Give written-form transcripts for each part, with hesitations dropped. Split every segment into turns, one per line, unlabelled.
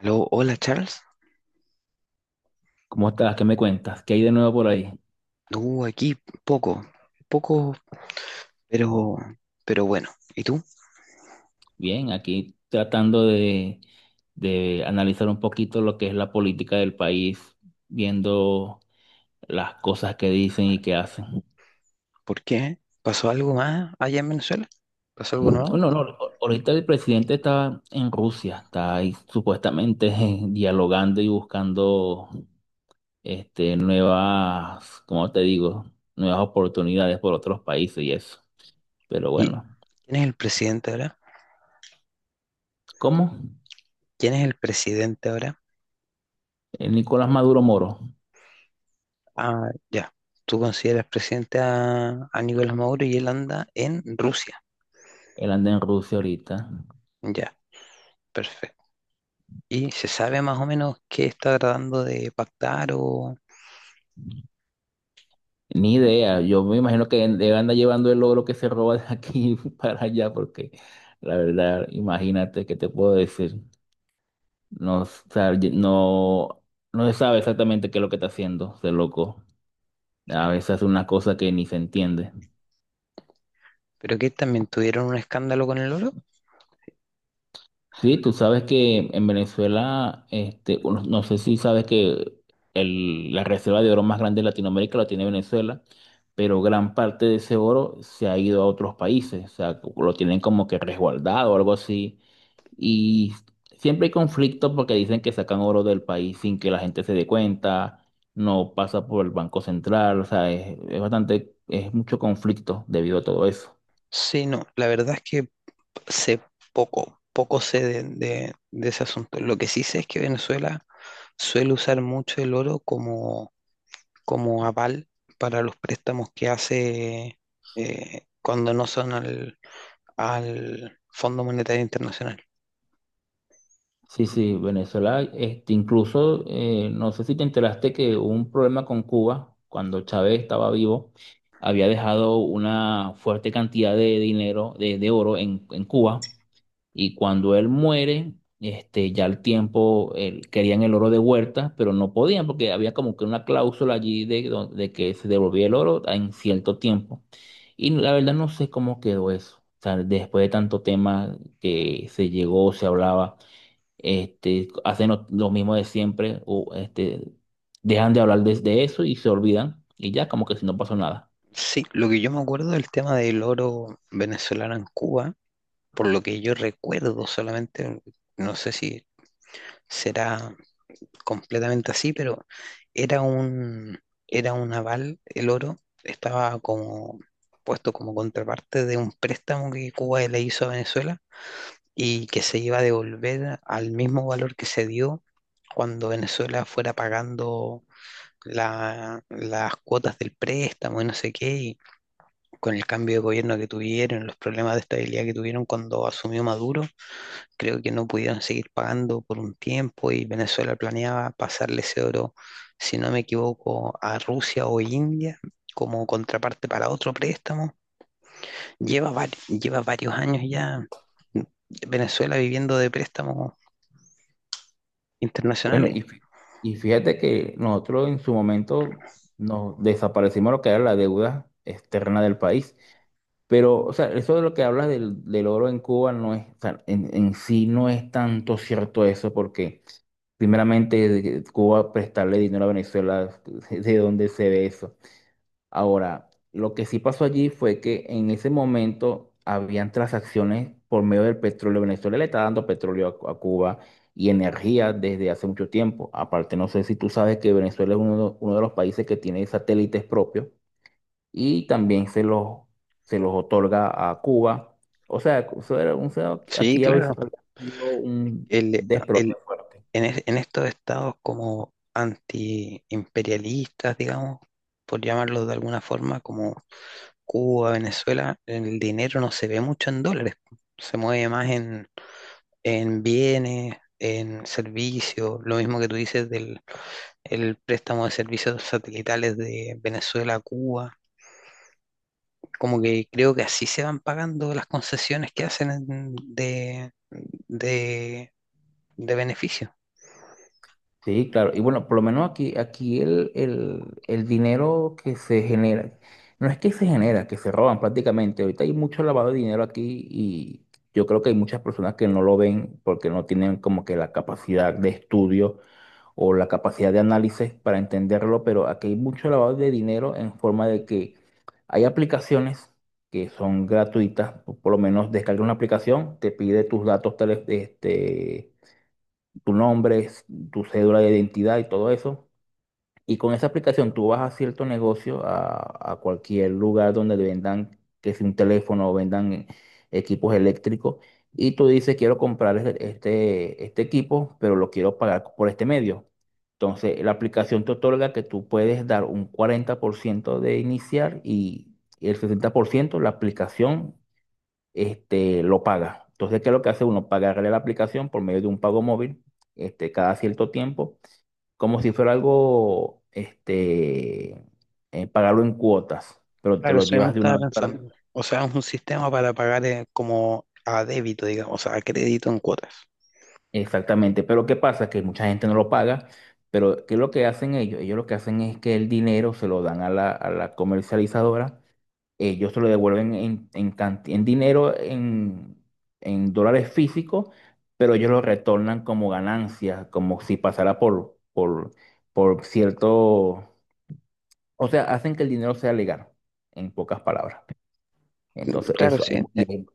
Aló, hola Charles.
¿Cómo estás? ¿Qué me cuentas? ¿Qué hay de nuevo por ahí?
No, aquí poco, poco, pero, pero bueno. ¿Y tú?
Bien, aquí tratando de analizar un poquito lo que es la política del país, viendo las cosas que dicen y que hacen.
¿Por qué? ¿Pasó algo más allá en Venezuela? ¿Pasó algo
Bueno,
nuevo?
no, ahorita el presidente está en Rusia, está ahí supuestamente dialogando y buscando nuevas, ¿cómo te digo? Nuevas oportunidades por otros países y eso. Pero
¿Y
bueno,
quién es el presidente ahora?
¿cómo?
¿Quién es el presidente ahora?
El Nicolás Maduro Moro,
Ah, ya. Tú consideras presidente a Nicolás Maduro y él anda en Rusia.
él anda en Rusia ahorita.
Ya, perfecto. ¿Y se sabe más o menos qué está tratando de pactar o...
Ni idea, yo me imagino que él anda llevando el logro que se roba de aquí para allá, porque la verdad, imagínate, ¿qué te puedo decir? No, sa- no, no se sabe exactamente qué es lo que está haciendo, ese loco. A veces hace una cosa que ni se entiende.
pero que también tuvieron un escándalo con el oro?
Sí, tú sabes que en Venezuela, no sé si sabes que la reserva de oro más grande de Latinoamérica la tiene Venezuela, pero gran parte de ese oro se ha ido a otros países, o sea, lo tienen como que resguardado o algo así. Y siempre hay conflictos porque dicen que sacan oro del país sin que la gente se dé cuenta, no pasa por el Banco Central, o sea, es bastante, es mucho conflicto debido a todo eso.
Sí, no. La verdad es que sé poco, poco sé de ese asunto. Lo que sí sé es que Venezuela suele usar mucho el oro como aval para los préstamos que hace cuando no son al Fondo Monetario Internacional.
Sí, sí, Venezuela, incluso, no sé si te enteraste que hubo un problema con Cuba cuando Chávez estaba vivo, había dejado una fuerte cantidad de dinero, de oro en Cuba, y cuando él muere, ya al tiempo querían el oro de vuelta, pero no podían porque había como que una cláusula allí de, de que se devolvía el oro en cierto tiempo. Y la verdad no sé cómo quedó eso, o sea, después de tanto tema que se llegó, se hablaba hacen lo mismo de siempre, o dejan de hablar de eso y se olvidan, y ya como que si no pasó nada.
Sí, lo que yo me acuerdo del tema del oro venezolano en Cuba, por lo que yo recuerdo solamente, no sé si será completamente así, pero era un, era un aval, el oro estaba como puesto como contraparte de un préstamo que Cuba le hizo a Venezuela y que se iba a devolver al mismo valor que se dio cuando Venezuela fuera pagando las cuotas del préstamo y no sé qué, y con el cambio de gobierno que tuvieron, los problemas de estabilidad que tuvieron cuando asumió Maduro, creo que no pudieron seguir pagando por un tiempo y Venezuela planeaba pasarle ese oro, si no me equivoco, a Rusia o India como contraparte para otro préstamo. Lleva varios años ya Venezuela viviendo de préstamos
Bueno,
internacionales.
y fíjate que nosotros en su momento nos desaparecimos lo que era la deuda externa del país, pero, o sea, eso de lo que hablas del oro en Cuba no es, o sea, en sí no es tanto cierto eso, porque primeramente de que Cuba prestarle dinero a Venezuela, ¿de dónde se ve eso? Ahora, lo que sí pasó allí fue que en ese momento habían transacciones por medio del petróleo. Venezuela le está dando petróleo a Cuba y energía desde hace mucho tiempo. Aparte, no sé si tú sabes que Venezuela es uno de los países que tiene satélites propios y también se los otorga a Cuba. O sea, eso
Sí,
aquí había
claro.
sido un
El,
desplome
el-
fuerte.
en estos estados como antiimperialistas, digamos, por llamarlos de alguna forma, como Cuba, Venezuela, el dinero no se ve mucho en dólares, se mueve más en bienes, en servicios, lo mismo que tú dices del el préstamo de servicios satelitales de Venezuela a Cuba, como que creo que así se van pagando las concesiones que hacen de, de beneficio.
Sí, claro. Y bueno, por lo menos aquí, aquí el dinero que se genera, no es que se genera, que se roban prácticamente. Ahorita hay mucho lavado de dinero aquí y yo creo que hay muchas personas que no lo ven porque no tienen como que la capacidad de estudio o la capacidad de análisis para entenderlo, pero aquí hay mucho lavado de dinero en forma de que hay aplicaciones que son gratuitas, o por lo menos descarga una aplicación, te pide tus datos, tu nombre, tu cédula de identidad y todo eso. Y con esa aplicación tú vas a cierto negocio, a cualquier lugar donde le vendan, que sea un teléfono o vendan equipos eléctricos, y tú dices, quiero comprar este, este equipo, pero lo quiero pagar por este medio. Entonces, la aplicación te otorga que tú puedes dar un 40% de iniciar y el 60% la aplicación lo paga. Entonces, ¿qué es lo que hace uno? Pagarle la aplicación por medio de un pago móvil, cada cierto tiempo, como si fuera algo, pagarlo en cuotas, pero te
Claro,
lo
eso mismo
llevas de una
estaba
vez para...
pensando. O sea, es un sistema para pagar como a débito, digamos, o sea, a crédito en cuotas.
Exactamente, pero ¿qué pasa? Que mucha gente no lo paga, pero ¿qué es lo que hacen ellos? Ellos lo que hacen es que el dinero se lo dan a la comercializadora ellos te lo devuelven en dinero, en dólares físicos, pero ellos lo retornan como ganancias, como si pasara por cierto, o sea, hacen que el dinero sea legal, en pocas palabras. Entonces,
Claro, sí,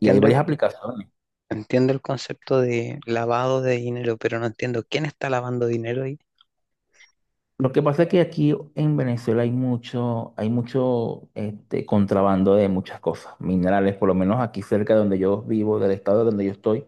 y hay varias aplicaciones.
entiendo el concepto de lavado de dinero, pero no entiendo quién está lavando dinero ahí.
Lo que pasa es que aquí en Venezuela hay mucho contrabando de muchas cosas, minerales, por lo menos aquí cerca de donde yo vivo, del estado donde yo estoy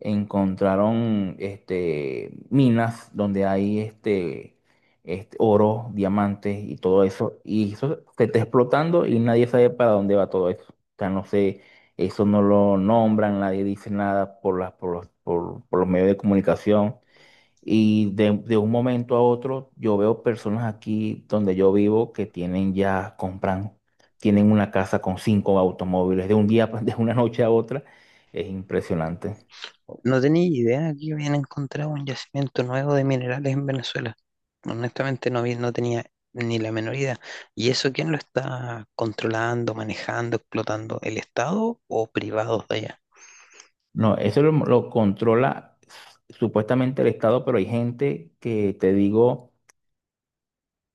encontraron minas donde hay oro, diamantes y todo eso. Y eso se está explotando y nadie sabe para dónde va todo eso. O sea, no sé, eso no lo nombran, nadie dice nada por las, por los, por los medios de comunicación. Y de un momento a otro, yo veo personas aquí donde yo vivo que tienen ya, compran, tienen una casa con cinco automóviles de un día, de una noche a otra. Es impresionante.
No tenía idea que habían encontrado un yacimiento nuevo de minerales en Venezuela. Honestamente no, no tenía ni la menor idea. ¿Y eso quién lo está controlando, manejando, explotando? ¿El Estado o privados de allá?
No, lo controla supuestamente el Estado, pero hay gente que te digo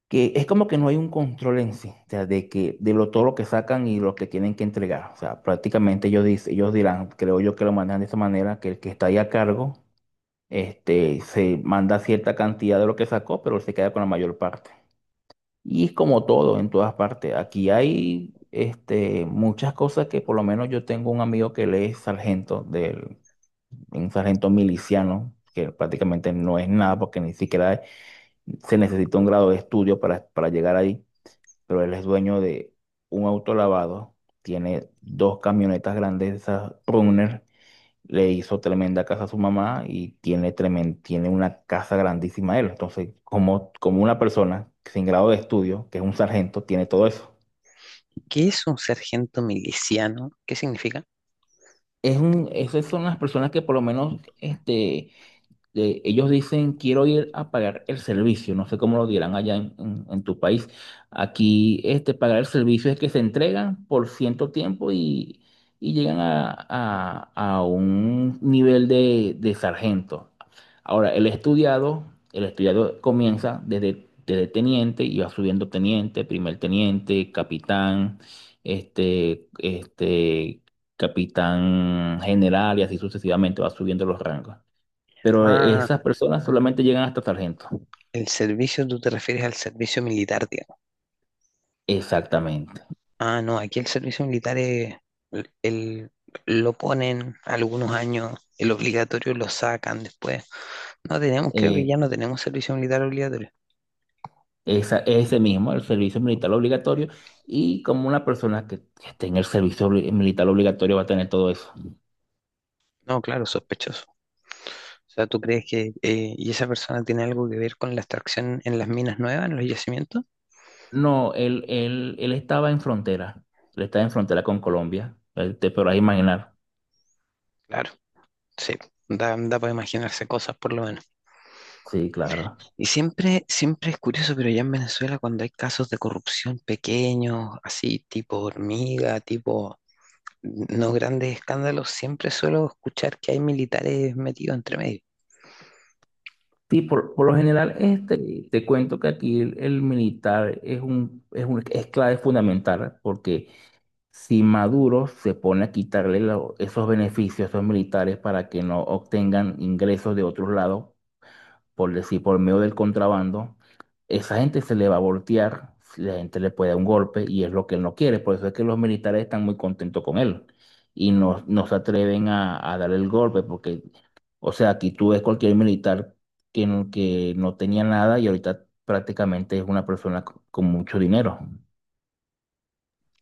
que es como que no hay un control en sí, o sea, de que de lo todo lo que sacan y lo que tienen que entregar. O sea, prácticamente ellos dicen, ellos dirán, creo yo que lo mandan de esa manera, que el que está ahí a cargo, se manda cierta cantidad de lo que sacó, pero se queda con la mayor parte. Y es como todo en todas partes. Aquí hay muchas cosas que por lo menos yo tengo un amigo que él es sargento del un sargento miliciano, que prácticamente no es nada porque ni siquiera se necesita un grado de estudio para llegar ahí, pero él es dueño de un auto lavado, tiene dos camionetas grandes, de esas Runner, le hizo tremenda casa a su mamá y tiene una casa grandísima él. Entonces, como una persona sin grado de estudio, que es un sargento, tiene todo eso.
¿Qué es un sargento miliciano? ¿Qué significa?
Es un, esas son las personas que por lo menos ellos dicen, quiero ir a pagar el servicio, no sé cómo lo dirán allá en tu país. Aquí, pagar el servicio es que se entregan por cierto tiempo y llegan a un nivel de sargento. Ahora, el estudiado comienza desde teniente y va subiendo teniente, primer teniente, capitán, este, este, capitán general y así sucesivamente va subiendo los rangos pero
Ah,
esas personas solamente llegan hasta sargento.
el servicio, tú te refieres al servicio militar.
Exactamente.
Ah, no, aquí el servicio militar es, el, el- lo ponen algunos años, el obligatorio lo sacan después. No tenemos, creo que
Eh,
ya no tenemos servicio militar obligatorio.
ese mismo, el servicio militar obligatorio, y como una persona que esté en el servicio militar obligatorio va a tener todo eso.
No, claro, sospechoso. O sea, ¿tú crees que y esa persona tiene algo que ver con la extracción en las minas nuevas, en los yacimientos?
No, él estaba en frontera, él estaba en frontera con Colombia, te podrás imaginar.
Claro, sí, da, da para imaginarse cosas por lo menos.
Sí, claro.
Y siempre, siempre es curioso, pero ya en Venezuela cuando hay casos de corrupción pequeños, así tipo hormiga, tipo no grandes escándalos, siempre suelo escuchar que hay militares metidos entre medio.
Sí, por lo general, te cuento que aquí el militar es un, es clave fundamental porque si Maduro se pone a quitarle esos beneficios a esos militares para que no obtengan ingresos de otros lados, por decir, por medio del contrabando, esa gente se le va a voltear, si la gente le puede dar un golpe y es lo que él no quiere. Por eso es que los militares están muy contentos con él y no, no se atreven a darle el golpe porque, o sea, aquí tú ves cualquier militar que no tenía nada y ahorita prácticamente es una persona con mucho dinero.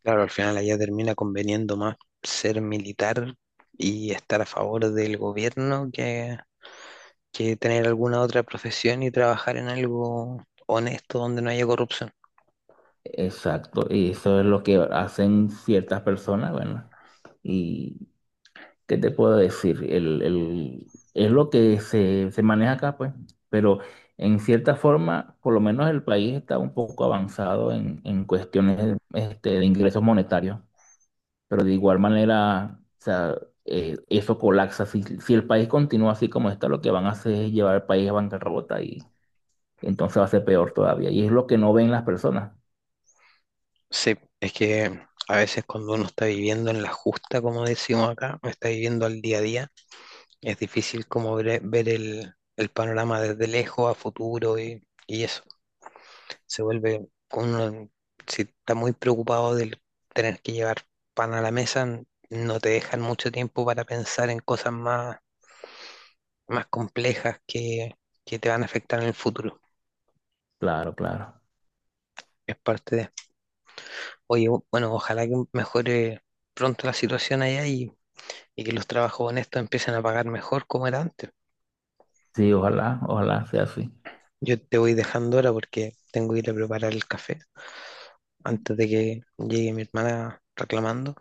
Claro, al final allá termina conveniendo más ser militar y estar a favor del gobierno que tener alguna otra profesión y trabajar en algo honesto donde no haya corrupción.
Exacto, y eso es lo que hacen ciertas personas, bueno, y qué te puedo decir, es lo que se maneja acá, pues, pero en cierta forma, por lo menos el país está un poco avanzado en cuestiones de ingresos monetarios, pero de igual manera, o sea, eso colapsa, si el país continúa así como está, lo que van a hacer es llevar al país a bancarrota y entonces va a ser peor todavía, y es lo que no ven las personas,
Sí, es que a veces cuando uno está viviendo en la justa, como decimos acá, está viviendo al día a día, es difícil como ver, ver el panorama desde lejos a futuro y eso. Se vuelve uno, si está muy preocupado del tener que llevar pan a la mesa, no te dejan mucho tiempo para pensar en cosas más, más complejas que te van a afectar en el futuro.
claro, claro.
Es parte de, oye, bueno, ojalá que mejore pronto la situación allá y que los trabajos honestos empiecen a pagar mejor como era antes.
Sí, ojalá, ojalá sea así.
Yo te voy dejando ahora porque tengo que ir a preparar el café antes de que llegue mi hermana reclamando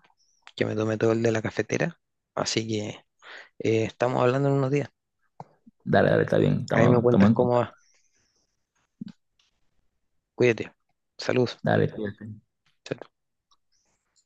que me tome todo el de la cafetera. Así que eh, estamos hablando en unos días.
Dale, dale, está bien,
Ahí me
estamos, estamos
cuentas
en
cómo va.
contacto.
Cuídate. Salud.
Dale, cuídate.
Chao,